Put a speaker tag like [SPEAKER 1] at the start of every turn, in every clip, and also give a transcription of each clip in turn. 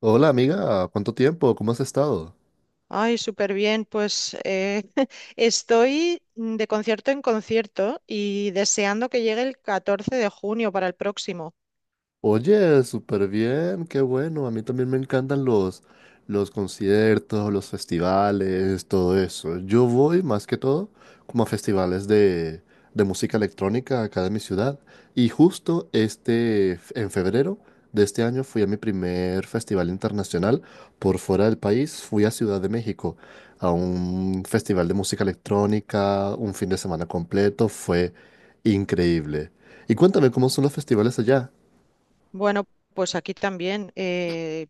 [SPEAKER 1] Hola amiga, ¿cuánto tiempo? ¿Cómo has estado?
[SPEAKER 2] Ay, súper bien. Pues estoy de concierto en concierto y deseando que llegue el 14 de junio para el próximo.
[SPEAKER 1] Oye, súper bien, qué bueno. A mí también me encantan los conciertos, los festivales, todo eso. Yo voy más que todo como a festivales de música electrónica acá de mi ciudad. Y justo en febrero de este año fui a mi primer festival internacional por fuera del país. Fui a Ciudad de México a un festival de música electrónica, un fin de semana completo. Fue increíble. Y cuéntame, ¿cómo son los festivales allá?
[SPEAKER 2] Bueno, pues aquí también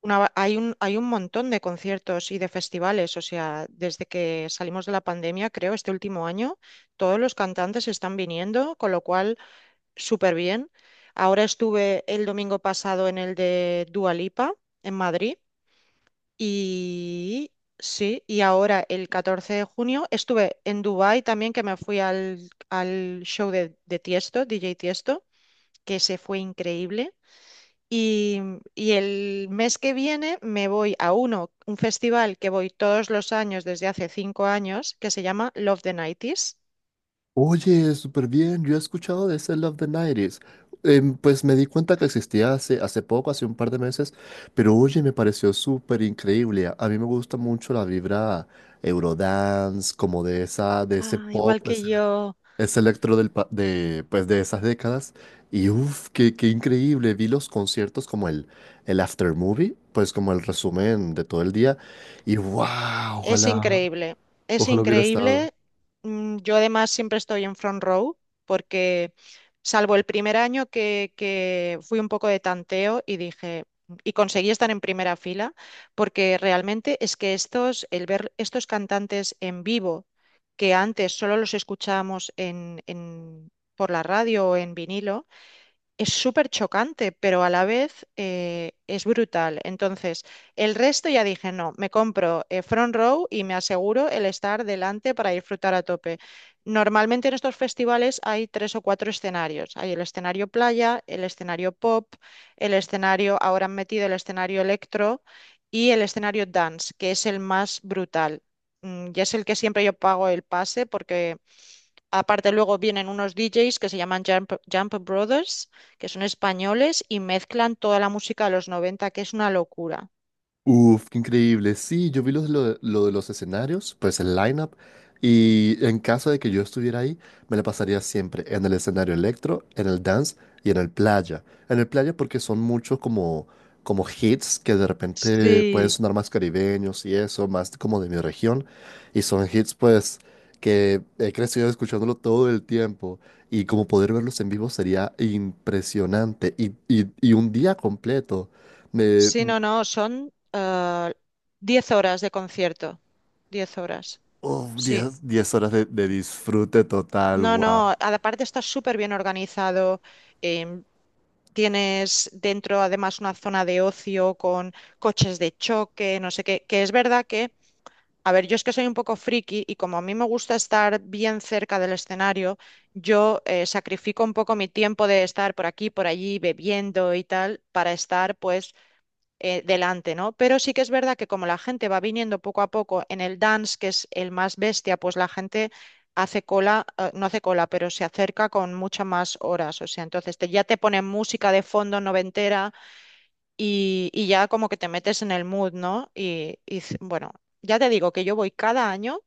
[SPEAKER 2] hay un montón de conciertos y de festivales. O sea, desde que salimos de la pandemia, creo, este último año, todos los cantantes están viniendo, con lo cual, súper bien. Ahora estuve el domingo pasado en el de Dua Lipa, en Madrid. Y sí, y ahora el 14 de junio estuve en Dubái también, que me fui al show de Tiesto, DJ Tiesto, que se fue increíble. Y, y el mes que viene me voy a un festival que voy todos los años desde hace 5 años, que se llama Love the 90.
[SPEAKER 1] Oye, súper bien. Yo he escuchado de ese Love the Nineties. Pues me di cuenta que existía hace poco, hace un par de meses, pero oye, me pareció súper increíble. A mí me gusta mucho la vibra Eurodance, como de esa, de ese
[SPEAKER 2] Ah,
[SPEAKER 1] pop,
[SPEAKER 2] igual que yo.
[SPEAKER 1] ese electro pues de esas décadas. Y uff, qué increíble. Vi los conciertos como el after movie, pues como el resumen de todo el día. Y wow,
[SPEAKER 2] Es
[SPEAKER 1] ojalá,
[SPEAKER 2] increíble, es
[SPEAKER 1] ojalá hubiera estado.
[SPEAKER 2] increíble. Yo además siempre estoy en front row porque salvo el primer año que fui un poco de tanteo y dije, y conseguí estar en primera fila, porque realmente es que estos, el ver estos cantantes en vivo, que antes solo los escuchábamos en, por la radio o en vinilo, es súper chocante, pero a la vez es brutal. Entonces, el resto ya dije, no, me compro Front Row y me aseguro el estar delante para disfrutar a tope. Normalmente en estos festivales hay tres o cuatro escenarios. Hay el escenario playa, el escenario pop, ahora han metido el escenario electro y el escenario dance, que es el más brutal. Y es el que siempre yo pago el pase, porque aparte luego vienen unos DJs que se llaman Jump Brothers, que son españoles y mezclan toda la música de los 90, que es una locura.
[SPEAKER 1] Uf, qué increíble. Sí, yo vi lo de los escenarios, pues el lineup. Y en caso de que yo estuviera ahí, me la pasaría siempre en el escenario electro, en el dance y en el playa. En el playa porque son muchos como hits que de repente pueden
[SPEAKER 2] Sí.
[SPEAKER 1] sonar más caribeños y eso, más como de mi región. Y son hits pues que he crecido escuchándolo todo el tiempo. Y como poder verlos en vivo sería impresionante. Y un día completo.
[SPEAKER 2] Sí, no, no, son 10 horas de concierto. Diez horas,
[SPEAKER 1] Uf,
[SPEAKER 2] sí.
[SPEAKER 1] 10 10 horas de disfrute total,
[SPEAKER 2] No,
[SPEAKER 1] wow.
[SPEAKER 2] no, aparte está súper bien organizado. em, Tienes dentro además una zona de ocio con coches de choque, no sé qué, que es verdad que... A ver, yo es que soy un poco friki, y como a mí me gusta estar bien cerca del escenario, yo sacrifico un poco mi tiempo de estar por aquí, por allí, bebiendo y tal, para estar pues delante, ¿no? Pero sí que es verdad que, como la gente va viniendo poco a poco en el dance, que es el más bestia, pues la gente hace cola, no hace cola, pero se acerca con muchas más horas. O sea, entonces ya te ponen música de fondo noventera y, ya como que te metes en el mood, ¿no? Bueno, ya te digo que yo voy cada año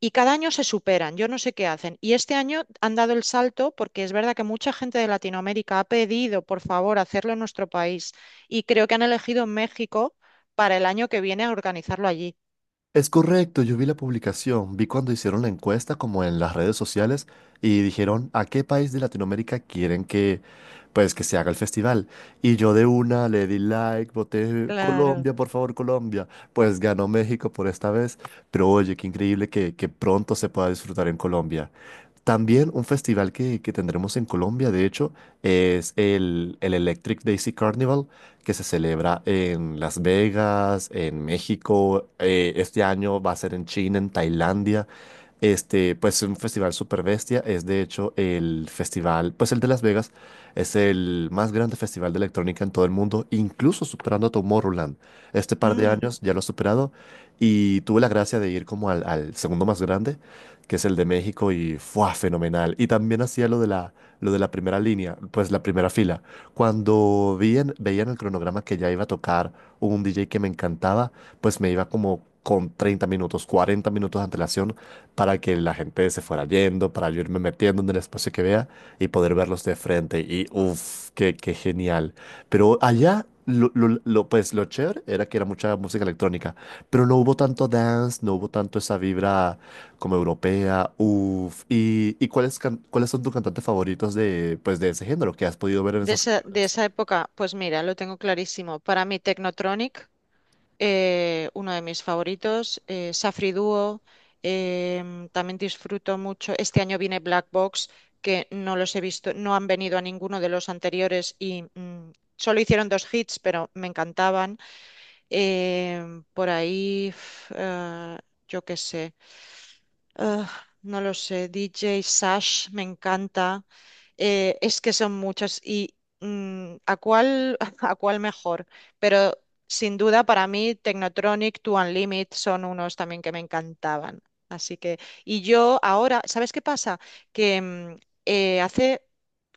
[SPEAKER 2] y cada año se superan, yo no sé qué hacen. Y este año han dado el salto porque es verdad que mucha gente de Latinoamérica ha pedido, por favor, hacerlo en nuestro país, y creo que han elegido México para el año que viene a organizarlo allí.
[SPEAKER 1] Es correcto, yo vi la publicación, vi cuando hicieron la encuesta como en las redes sociales y dijeron a qué país de Latinoamérica quieren que pues que se haga el festival. Y yo de una le di like, voté
[SPEAKER 2] Claro.
[SPEAKER 1] Colombia, por favor, Colombia. Pues ganó México por esta vez, pero oye, qué increíble que pronto se pueda disfrutar en Colombia. También un festival que tendremos en Colombia, de hecho, es el Electric Daisy Carnival, que se celebra en Las Vegas, en México. Este año va a ser en China, en Tailandia. Este, pues es un festival super bestia. Es de hecho el festival, pues el de Las Vegas, es el más grande festival de electrónica en todo el mundo, incluso superando a Tomorrowland. Este par de
[SPEAKER 2] Mm,
[SPEAKER 1] años ya lo ha superado y tuve la gracia de ir como al segundo más grande que es el de México y fue fenomenal. Y también hacía lo de la primera línea, pues la primera fila. Cuando veía en el cronograma que ya iba a tocar un DJ que me encantaba, pues me iba como con 30 minutos, 40 minutos de antelación para que la gente se fuera yendo, para yo irme metiendo en el espacio que vea y poder verlos de frente. Y uff, qué genial. Pero allá, pues lo chévere era que era mucha música electrónica, pero no hubo tanto dance, no hubo tanto esa vibra como europea, uff. ¿Y cuáles, cuáles son tus cantantes favoritos de, pues, de ese género que has podido ver en
[SPEAKER 2] De
[SPEAKER 1] esos
[SPEAKER 2] esa, de
[SPEAKER 1] festivales?
[SPEAKER 2] esa época, pues mira, lo tengo clarísimo. Para mí, Technotronic. Uno de mis favoritos, Safri Duo. También disfruto mucho. Este año viene Black Box, que no los he visto, no han venido a ninguno de los anteriores, y solo hicieron dos hits, pero me encantaban. Por ahí, yo qué sé. Ah, no lo sé, DJ Sash me encanta. Es que son muchos, y ¿a cuál, a cuál mejor? Pero sin duda, para mí, Technotronic, Two Unlimited son unos también que me encantaban. Así que, y yo ahora, ¿sabes qué pasa? Que hace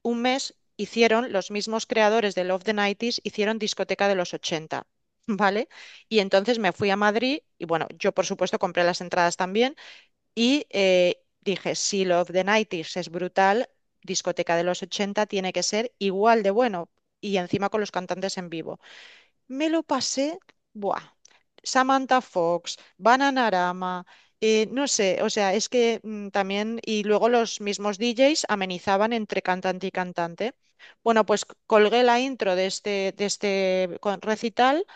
[SPEAKER 2] un mes hicieron los mismos creadores de Love the 90, hicieron discoteca de los 80, ¿vale? Y entonces me fui a Madrid y, bueno, yo, por supuesto, compré las entradas también, y dije, si Love the 90 es brutal, discoteca de los 80 tiene que ser igual de bueno. Y encima con los cantantes en vivo. Me lo pasé, buah. Samantha Fox, Bananarama, no sé, o sea, es que también, y luego los mismos DJs amenizaban entre cantante y cantante. Bueno, pues colgué la intro de este recital,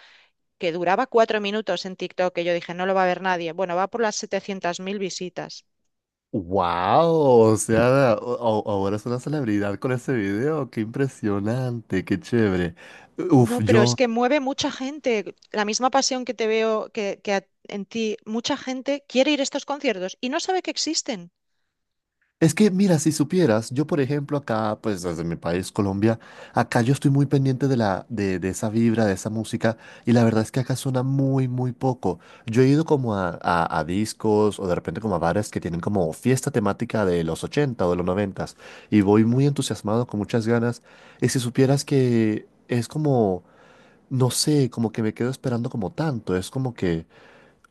[SPEAKER 2] que duraba 4 minutos, en TikTok, que yo dije, no lo va a ver nadie. Bueno, va por las 700.000 visitas.
[SPEAKER 1] ¡Wow! O sea, ahora es una celebridad con ese video. ¡Qué impresionante! ¡Qué chévere!
[SPEAKER 2] No,
[SPEAKER 1] Uf,
[SPEAKER 2] pero es
[SPEAKER 1] yo,
[SPEAKER 2] que mueve mucha gente. La misma pasión que te veo, que, en ti, mucha gente quiere ir a estos conciertos y no sabe que existen.
[SPEAKER 1] es que, mira, si supieras, yo por ejemplo acá, pues desde mi país, Colombia, acá yo estoy muy pendiente de esa vibra, de esa música, y la verdad es que acá suena muy, muy poco. Yo he ido como a discos o de repente como a bares que tienen como fiesta temática de los 80 o de los 90 y voy muy entusiasmado, con muchas ganas, y si supieras que es como, no sé, como que me quedo esperando como tanto, es como que...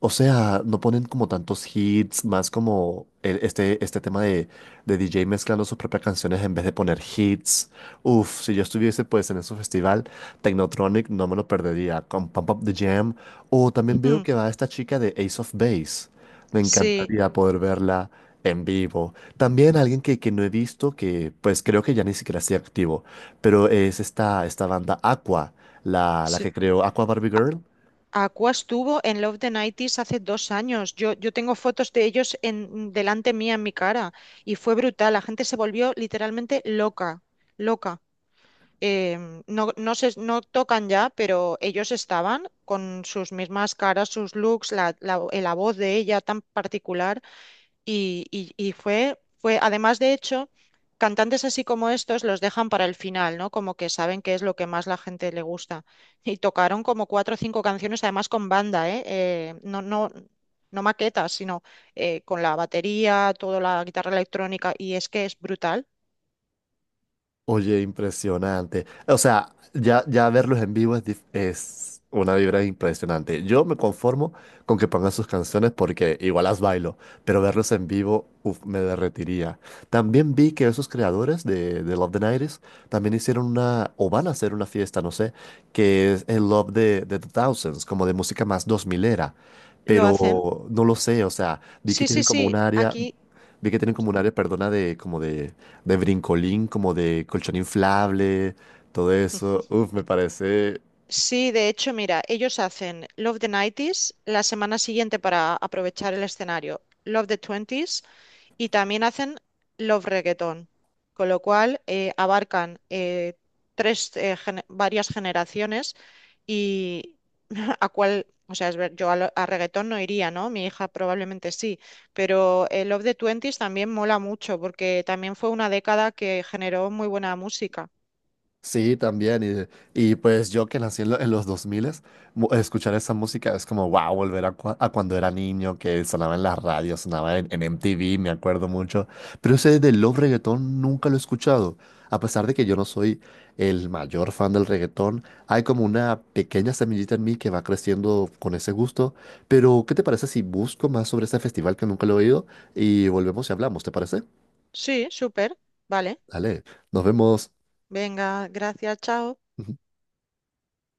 [SPEAKER 1] O sea, no ponen como tantos hits, más como este tema de DJ mezclando sus propias canciones en vez de poner hits. Uf, si yo estuviese pues en ese festival, Technotronic no me lo perdería, con Pump Up the Jam. O también veo
[SPEAKER 2] Ujú.
[SPEAKER 1] que va esta chica de Ace of Base. Me
[SPEAKER 2] Sí,
[SPEAKER 1] encantaría poder verla en vivo. También alguien que no he visto, que pues creo que ya ni siquiera sigue activo, pero es esta banda Aqua, la
[SPEAKER 2] sí.
[SPEAKER 1] que creó Aqua Barbie Girl.
[SPEAKER 2] Aqua estuvo en Love the 90 hace 2 años. Yo tengo fotos de ellos delante mía, en mi cara, y fue brutal. La gente se volvió literalmente loca, loca. No, no, no tocan ya, pero ellos estaban con sus mismas caras, sus looks, la voz de ella tan particular. Y, y fue, además, de hecho, cantantes así como estos los dejan para el final, ¿no? Como que saben qué es lo que más la gente. Le gusta. Y tocaron como cuatro o cinco canciones, además con banda, ¿eh? No, no, no maquetas, sino con la batería, toda la guitarra electrónica, y es que es brutal.
[SPEAKER 1] Oye, impresionante. O sea, ya, ya verlos en vivo es una vibra impresionante. Yo me conformo con que pongan sus canciones porque igual las bailo, pero verlos en vivo, uf, me derretiría. También vi que esos creadores de Love the 90 también hicieron una, o van a hacer una fiesta, no sé, que es el Love de the Thousands, como de música más dos milera,
[SPEAKER 2] ¿Lo hacen?
[SPEAKER 1] pero no lo sé, o sea, vi que
[SPEAKER 2] Sí, sí,
[SPEAKER 1] tienen como un
[SPEAKER 2] sí,
[SPEAKER 1] área.
[SPEAKER 2] aquí
[SPEAKER 1] Vi que tienen como un área, perdona, de como de brincolín, como de colchón inflable, todo eso. Uf, me parece.
[SPEAKER 2] sí. De hecho, mira, ellos hacen Love the 90s la semana siguiente para aprovechar el escenario, Love the 20s, y también hacen love reggaeton, con lo cual abarcan varias generaciones, y ¿a cuál? O sea, a reggaetón no iría, ¿no? Mi hija probablemente sí, pero el Love the Twenties también mola mucho porque también fue una década que generó muy buena música.
[SPEAKER 1] Sí, también. Y pues yo que nací en, en los dos escuchar esa música es como, wow, volver a, a cuando era niño, que sonaba en las radios, sonaba en MTV, me acuerdo mucho. Pero ese del love reggaetón nunca lo he escuchado. A pesar de que yo no soy el mayor fan del reggaetón, hay como una pequeña semillita en mí que va creciendo con ese gusto. Pero, ¿qué te parece si busco más sobre ese festival que nunca lo he oído y volvemos y hablamos? ¿Te parece?
[SPEAKER 2] Sí, súper, vale.
[SPEAKER 1] Dale, nos vemos.
[SPEAKER 2] Venga, gracias, chao.